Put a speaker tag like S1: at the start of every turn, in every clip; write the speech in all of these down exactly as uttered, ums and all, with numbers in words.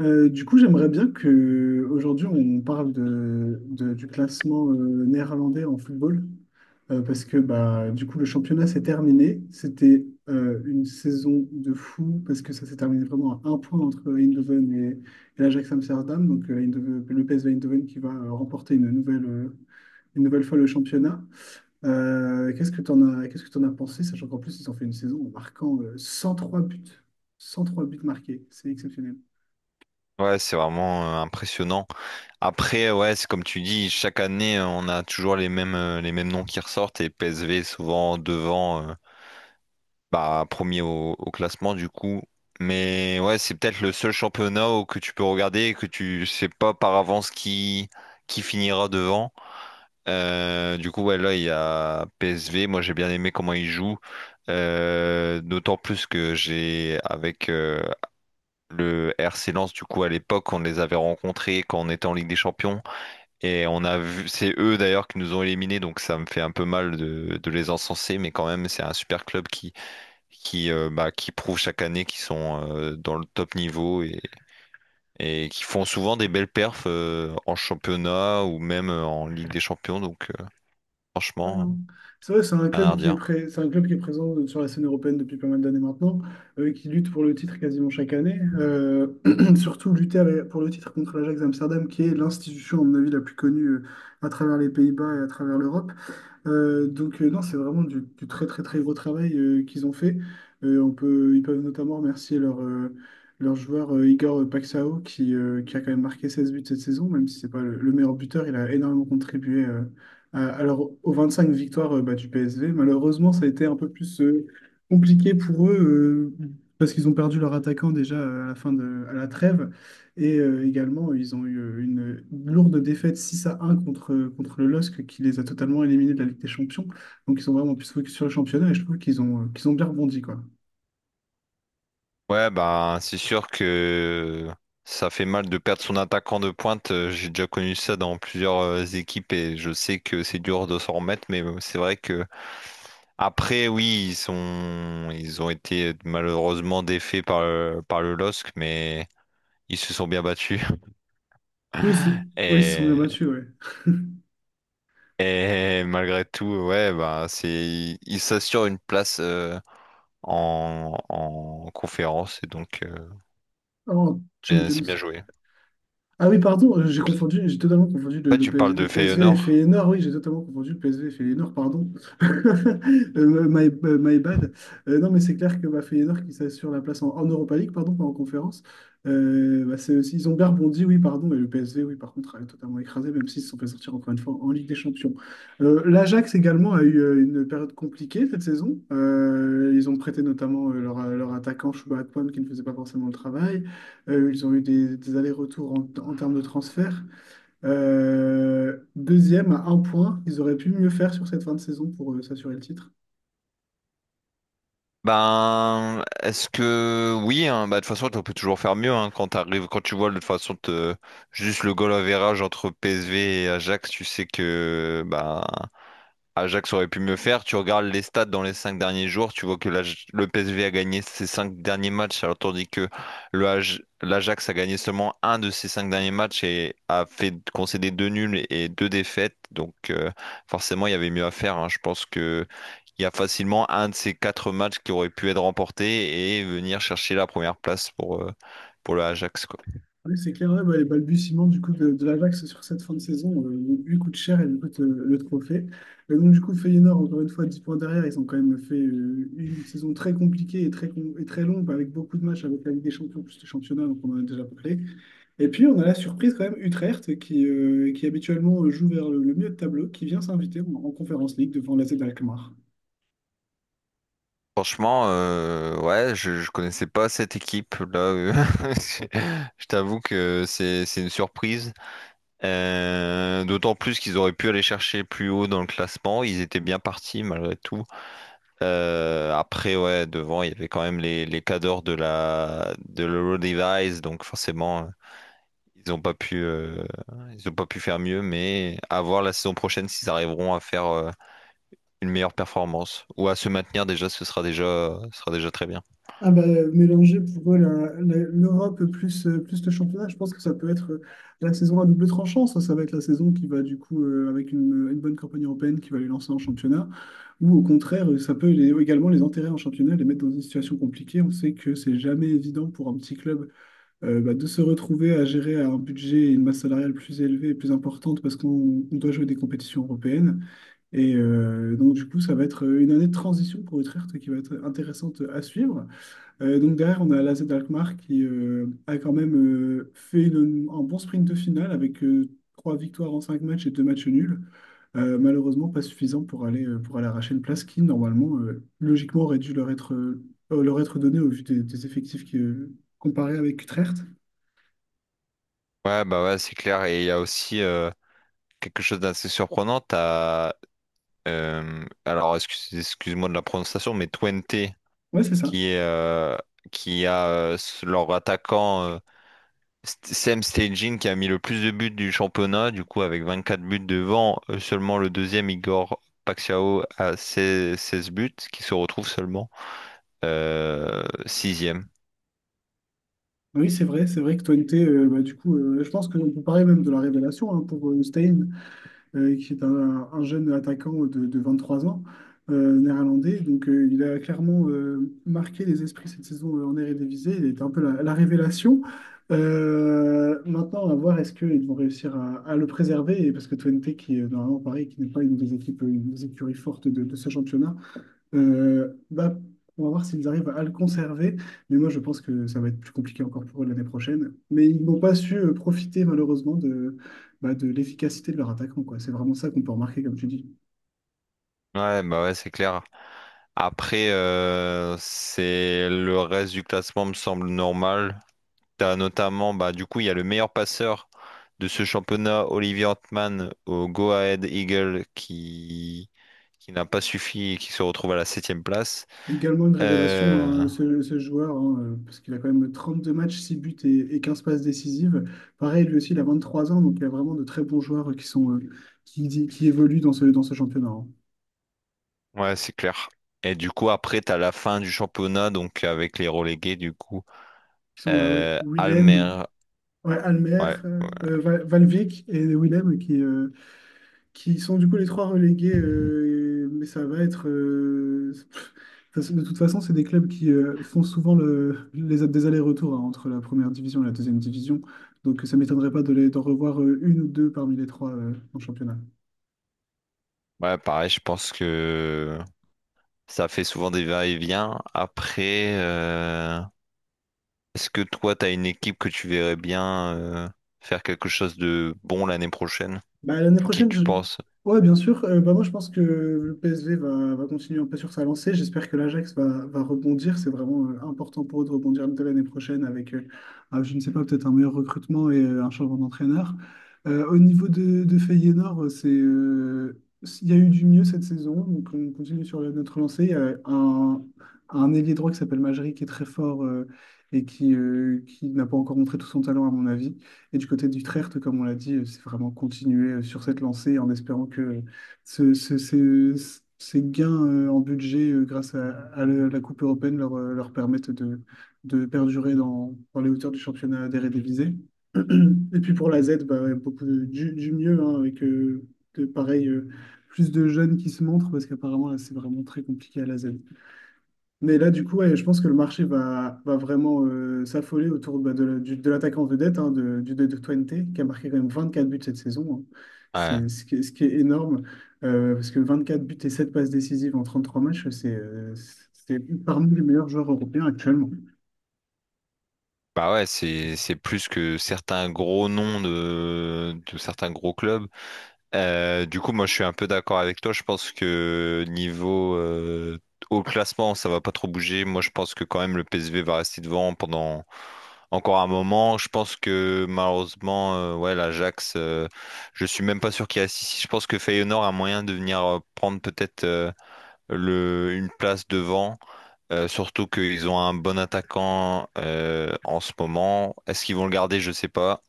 S1: Euh, du coup, j'aimerais bien que aujourd'hui on parle de, de- du classement euh, néerlandais en football, euh, parce que bah, du coup le championnat s'est terminé. C'était euh, une saison de fou, parce que ça s'est terminé vraiment à un point entre Eindhoven et, et l'Ajax Amsterdam, donc euh, Eindhoven- le P S V Eindhoven qui va euh, remporter une nouvelle, euh, une nouvelle fois le championnat. Euh, qu'est-ce que tu en as, qu'est-ce que tu as pensé, sachant qu'en plus ils ont fait une saison en marquant euh, cent trois buts, cent trois buts marqués, c'est exceptionnel.
S2: Ouais, c'est vraiment euh, impressionnant. Après, ouais, c'est comme tu dis, chaque année, euh, on a toujours les mêmes, euh, les mêmes noms qui ressortent et P S V est souvent devant, euh, bah, premier au, au classement du coup. Mais ouais, c'est peut-être le seul championnat où que tu peux regarder et que tu sais pas par avance qui, qui finira devant. Euh, du coup, ouais, là, il y a P S V. Moi, j'ai bien aimé comment ils jouent. Euh, d'autant plus que j'ai, avec, euh, le R C Lens, du coup, à l'époque, on les avait rencontrés quand on était en Ligue des Champions. Et on a vu, c'est eux d'ailleurs qui nous ont éliminés, donc ça me fait un peu mal de, de les encenser, mais quand même, c'est un super club qui, qui, euh, bah, qui prouve chaque année qu'ils sont euh, dans le top niveau et, et qui font souvent des belles perfs euh, en championnat ou même euh, en Ligue des Champions. Donc, euh,
S1: Ouais,
S2: franchement,
S1: non. C'est vrai, c'est un
S2: rien à
S1: club qui est
S2: redire.
S1: pré- c'est un club qui est présent euh, sur la scène européenne depuis pas mal d'années maintenant, euh, qui lutte pour le titre quasiment chaque année. Euh, surtout lutter avec- pour le titre contre l'Ajax Amsterdam, qui est l'institution, à mon avis, la plus connue euh, à travers les Pays-Bas et à travers l'Europe. Euh, donc euh, non, c'est vraiment du, du très très très gros travail euh, qu'ils ont fait. Euh, on peut, ils peuvent notamment remercier leur, euh, leur joueur euh, Igor Paxao qui, euh, qui a quand même marqué seize buts cette saison, même si c'est pas le, le meilleur buteur, il a énormément contribué euh, à, à leur- aux vingt-cinq victoires euh, bah, du P S V. Malheureusement, ça a été un peu plus euh, compliqué pour eux euh, parce qu'ils ont perdu leur attaquant déjà euh, à la fin de, à la trêve. Et euh, également, ils ont eu euh, une lourde défaite six à un contre, euh, contre le L O S C qui les a totalement éliminés de la Ligue des Champions. Donc, ils sont vraiment plus focus sur le championnat et je trouve qu'ils ont, euh, qu'ils ont bien rebondi, quoi.
S2: Ouais, bah, c'est sûr que ça fait mal de perdre son attaquant de pointe. Euh, J'ai déjà connu ça dans plusieurs euh, équipes et je sais que c'est dur de s'en remettre, mais euh, c'est vrai que après, oui, ils sont... ils ont été malheureusement défaits par le... par le L O S C, mais ils se sont bien battus.
S1: Oui, c'est- oui, ils se sont bien
S2: Et,
S1: battus, ouais.
S2: et malgré tout, ouais, bah, c'est... ils s'assurent une place euh, en... en conférence et donc euh,
S1: En
S2: bien- c'est
S1: Champions.
S2: bien joué.
S1: Ah oui, pardon, euh, j'ai
S2: En
S1: confondu, j'ai totalement confondu
S2: fait,
S1: le,
S2: tu
S1: le PS
S2: parles
S1: le
S2: de
S1: P S V et
S2: Feyenoord.
S1: Feyenoord. Oui, j'ai totalement confondu le P S V et Feyenoord, pardon. Euh, my, euh, my bad. Euh, non, mais c'est clair que bah, Feyenoord qui s'assure la place en, en Europa League, pardon, pas en conférence. euh, bah, c'est aussi, ils ont bien rebondi, oui, pardon, et le P S V, oui, par contre, a totalement écrasé, même s'ils se sont fait sortir encore une fois en Ligue des Champions. Euh, L'Ajax également a eu euh, une période compliquée cette saison. Euh, ils ont prêté notamment euh, leur, leur attaquant Chouba Akpom qui ne faisait pas forcément le travail. Euh, ils ont eu des, des allers-retours en, en termes de transfert. Euh, deuxième à un point, ils auraient pu mieux faire sur cette fin de saison pour euh, s'assurer le titre.
S2: Ben, est-ce que oui, hein, bah, de toute façon, on peut toujours faire mieux, hein, quand t'arrives, quand tu vois de toute façon te- juste le goal average entre P S V et Ajax, tu sais que bah, Ajax aurait pu mieux faire. Tu regardes les stats dans les cinq derniers jours, tu vois que l'Aj- le P S V a gagné ses cinq derniers matchs, alors tandis que le Aj- l'Ajax a gagné seulement un de ses cinq derniers matchs et a fait concéder deux nuls et deux défaites. Donc euh, forcément, il y avait mieux à faire, hein. Je pense que il y a facilement un de ces quatre matchs qui aurait pu être remporté et venir chercher la première place pour, euh, pour le Ajax, quoi.
S1: Oui, c'est clair, ouais, bah, les balbutiements du coup de, de l'Ajax sur cette fin de saison euh, lui coûte cher et lui coûte euh, le trophée. Et donc du coup, Feyenoord, encore une fois, dix points derrière, ils ont quand même fait euh, une saison très compliquée et très, com- et très longue, avec beaucoup de matchs avec la Ligue des Champions plus le championnat, donc on en a déjà parlé. Et puis on a la surprise quand même, Utrecht, qui, euh, qui habituellement joue vers le, le milieu de tableau, qui vient s'inviter en, en Conference League devant l'A Z Alkmaar.
S2: Franchement, euh, ouais, je, je connaissais pas cette équipe là. euh, je je t'avoue que c'est c'est une surprise. Euh, d'autant plus qu'ils auraient pu aller chercher plus haut dans le classement. Ils étaient bien partis malgré tout. Euh, après, ouais, devant, il y avait quand même les les cadors de la de l'Euro Device, donc forcément, euh, ils ont pas pu euh, ils ont pas pu faire mieux. Mais à voir la saison prochaine s'ils arriveront à faire euh, une meilleure performance ou à se maintenir déjà, ce sera déjà ce sera déjà très bien.
S1: Ah bah, mélanger pour eux la- la- l'Europe plus, euh, plus le championnat, je pense que ça peut être euh, la saison à double tranchant. Ça, ça va être la saison qui va du coup, euh, avec une, une bonne campagne européenne, qui va les lancer en championnat. Ou au contraire, euh, ça peut les- également les enterrer en championnat, les mettre dans une situation compliquée. On sait que c'est jamais évident pour un petit club euh, bah, de se retrouver à gérer un budget et une masse salariale plus élevée et plus importante parce qu'on on doit jouer des compétitions européennes. Et euh, donc, du coup, ça va être une année de transition pour Utrecht qui va être intéressante à suivre. Euh, donc, derrière, on a l'A Z Alkmaar qui euh, a quand même euh, fait une- un bon sprint de finale avec euh, trois victoires en cinq matchs et deux matchs nuls. Euh, malheureusement, pas suffisant pour aller, euh, pour aller arracher une place qui, normalement, euh, logiquement, aurait dû leur être, euh, leur être donnée au vu des, des effectifs qui, euh, comparés avec Utrecht.
S2: Ouais, bah ouais, c'est clair. Et il y a aussi euh, quelque chose d'assez surprenant. T'as, euh, alors, excuse, excuse-moi de la prononciation, mais Twente,
S1: Ouais, c'est ça.
S2: qui est, euh, qui a euh, s- leur attaquant euh, St- Sam Stejin, qui a mis le plus de buts du championnat, du coup, avec vingt-quatre buts devant euh, seulement le deuxième, Igor Paxiao, à seize 16 buts, qui se retrouve seulement euh, sixième.
S1: Oui, c'est vrai, c'est vrai que Twente, euh, bah, du coup, euh, je pense qu'on peut parler même de la révélation hein, pour euh, Steyn, euh, qui est un, un jeune attaquant de, de vingt-trois ans, euh, néerlandais. Donc, euh, il a clairement euh, marqué les esprits cette saison euh, en Eredivisie. Il était un peu la, la révélation. Euh, maintenant, à voir est-ce qu'ils vont réussir à, à le préserver, et parce que Twente, qui est euh, normalement pareil, qui n'est pas une des équipes, une des écuries fortes de, de ce championnat. Euh, bah, on va voir s'ils arrivent à le conserver, mais moi je pense que ça va être plus compliqué encore pour eux l'année prochaine. Mais ils n'ont pas su euh, profiter malheureusement de, bah, de l'efficacité de leur attaquant, quoi. C'est vraiment ça qu'on peut remarquer, comme tu dis.
S2: Ouais, bah ouais, c'est clair. Après, euh, c'est le reste du classement me semble normal. T'as notamment, bah, du coup, il y a le meilleur passeur de ce championnat, Olivier Antman, au Go Ahead Eagle, qui, qui n'a pas suffi et qui se retrouve à la septième place.
S1: Également une révélation,
S2: Euh,
S1: hein, ce, ce joueur, hein, euh, parce qu'il a quand même trente-deux matchs, six buts et, et quinze passes décisives. Pareil, lui aussi, il a vingt-trois ans, donc il y a vraiment de très bons joueurs euh, qui sont, euh, qui, qui évoluent dans ce, dans ce championnat, hein.
S2: Ouais, c'est clair. Et du coup, après, t'as la fin du championnat, donc avec les relégués, du coup.
S1: Qui sont bah, ouais,
S2: Euh,
S1: Willem,
S2: Almer,
S1: ouais, Almer,
S2: ouais.
S1: euh,
S2: Ouais,
S1: euh, Val- Valvik et Willem qui, euh, qui sont du coup les trois relégués, euh, mais ça va être... euh, pff, ça se- de toute façon, c'est des clubs qui euh, font souvent le, les, des allers-retours hein, entre la première division et la deuxième division, donc ça m'étonnerait pas de les, d'en revoir euh, une ou deux parmi les trois euh, en championnat.
S2: ouais, pareil, je pense que ça fait souvent des va-et-vient. Après, euh, est-ce que toi, t'as une équipe que tu verrais bien euh, faire quelque chose de bon l'année prochaine?
S1: Bah, l'année
S2: Qui
S1: prochaine,
S2: tu
S1: je-
S2: penses?
S1: ouais, bien sûr. Euh, bah, moi, je pense que le P S V va, va continuer un peu sur sa lancée. J'espère que l'Ajax va, va rebondir. C'est vraiment euh, important pour eux de rebondir dès l'année prochaine avec, euh, ah, je ne sais pas, peut-être un meilleur recrutement et euh, un changement d'entraîneur. Euh, au niveau de, de Feyenoord, euh, c'est, euh, il y a eu du mieux cette saison. Donc, on continue sur notre lancée. Il y a un, un ailier droit qui s'appelle Majri qui est très fort euh, et qui, euh, qui n'a pas encore montré tout son talent, à mon avis. Et du côté d'Utrecht, comme on l'a dit, euh, c'est vraiment continuer euh, sur cette lancée en espérant que euh, ce- ce- ce- ce- ces gains euh, en budget euh, grâce à, à la la Coupe européenne leur, euh, leur permettent de, de perdurer dans, dans les hauteurs du championnat d'Eredivisie. Et puis pour la Z, bah, ouais, beaucoup de- du, du mieux, hein, avec euh, de, pareil, euh, plus de jeunes qui se montrent, parce qu'apparemment, là, c'est vraiment très compliqué à la Z. Mais là, du coup, ouais, je pense que le marché va, va vraiment euh, s'affoler autour bah, de, la- du- de l'attaquant vedette, hein, de, du de de Twente, qui a marqué quand même vingt quatre buts cette saison, hein.
S2: Ouais.
S1: C'est ce qui, est ce qui est énorme, euh, parce que vingt quatre buts et sept passes décisives en trente trois matchs, c'est euh, c'est parmi les meilleurs joueurs européens actuellement.
S2: Bah ouais, c'est c'est plus que certains gros noms de, de certains gros clubs. Euh, du coup, moi, je suis un peu d'accord avec toi. Je pense que niveau euh, au classement, ça va pas trop bouger. Moi, je pense que quand même le P S V va rester devant pendant encore un moment. Je pense que malheureusement, euh, ouais, l'Ajax, euh, je suis même pas sûr qu'il y a six. Je pense que Feyenoord a moyen de venir euh, prendre peut-être euh, le une place devant. Euh, surtout qu'ils ont un bon attaquant euh, en ce moment. Est-ce qu'ils vont le garder? Je sais pas.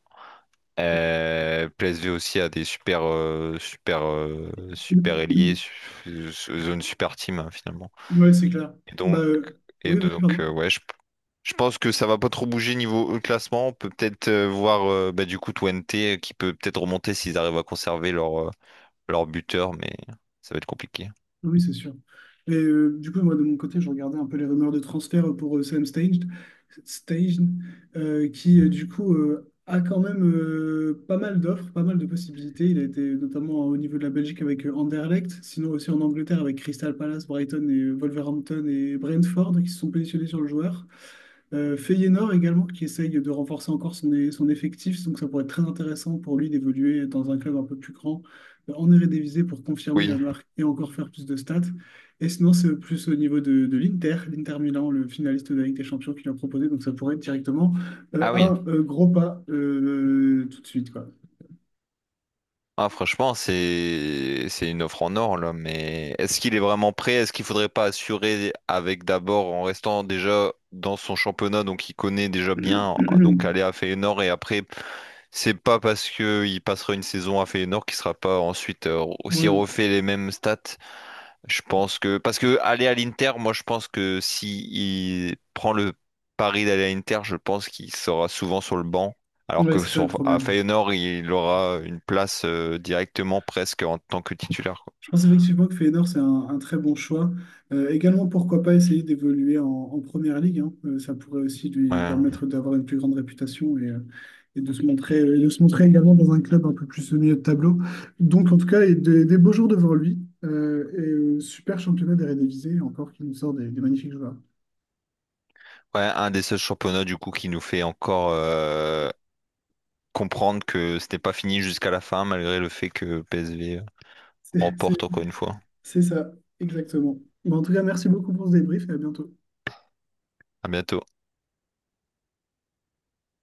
S2: Euh, P S V aussi a des super, euh, super, euh, super ailiers, su- su- zone super team, hein, finalement.
S1: Ouais, c'est clair.
S2: Et
S1: Bah,
S2: donc,
S1: euh,
S2: et
S1: oui, vas-y,
S2: donc
S1: pardon.
S2: euh, ouais, je, je pense que ça va pas trop bouger niveau euh, classement. On peut peut-être euh, voir, euh, bah, du coup Twente euh, qui peut peut-être remonter s'ils arrivent à conserver leur, euh, leur buteur, mais ça va être compliqué.
S1: Oui, c'est sûr. Et euh, du coup, moi, de mon côté, je regardais un peu les rumeurs de transfert pour euh, Sam Staged, Staged, euh, qui, euh, du coup, euh, a quand même euh, pas mal d'offres, pas mal de possibilités. Il a été notamment au niveau de la Belgique avec euh, Anderlecht, sinon aussi en Angleterre avec Crystal Palace, Brighton et euh, Wolverhampton et Brentford qui se sont positionnés sur le joueur. Euh, Feyenoord également, qui essaye de renforcer encore son, é- son effectif, donc ça pourrait être très intéressant pour lui d'évoluer dans un club un peu plus grand en Eredivisie pour confirmer la
S2: Oui.
S1: marque et encore faire plus de stats. Et sinon, c'est plus au niveau de, de l'Inter, l'Inter Milan, le finaliste de la Ligue des Champions qui l'a proposé. Donc ça pourrait être directement euh,
S2: Ah oui.
S1: un euh, gros pas euh, tout de suite, quoi.
S2: Ah, franchement, c'est c'est une offre en or là, mais est-ce qu'il est vraiment prêt? Est-ce qu'il faudrait pas assurer avec d'abord en restant déjà dans son championnat, donc il connaît déjà bien, donc aller à Feyenoord. Et après, c'est pas parce que il passera une saison à Feyenoord qu'il sera pas ensuite euh, aussi
S1: Ouais,
S2: refait les mêmes stats. Je pense que parce que aller à l'Inter, moi je pense que si il prend le pari d'aller à l'Inter, je pense qu'il sera souvent sur le banc, alors
S1: ouais,
S2: que
S1: c'est ça le
S2: sur à
S1: problème.
S2: Feyenoord, il aura une place euh, directement presque en tant que titulaire, quoi.
S1: Je pense effectivement que Feyenoord, c'est un, un très bon choix. Euh, également, pourquoi pas essayer d'évoluer en, en première ligue, hein. Euh, ça pourrait aussi lui
S2: Ouais.
S1: permettre d'avoir une plus grande réputation et, euh, et de se montrer, et de se montrer également dans un club un peu plus au milieu de tableau. Donc, en tout cas, et des, des beaux jours devant lui. Euh, et euh, Super championnat d'Eredivisie, encore qui nous sort des, des magnifiques joueurs.
S2: Ouais, un des seuls championnats du coup qui nous fait encore euh, comprendre que ce n'est pas fini jusqu'à la fin, malgré le fait que P S G
S1: C'est
S2: remporte
S1: c'est-
S2: encore une fois.
S1: c'est ça, exactement. Bon, en tout cas, merci beaucoup pour ce débrief et à bientôt.
S2: À bientôt.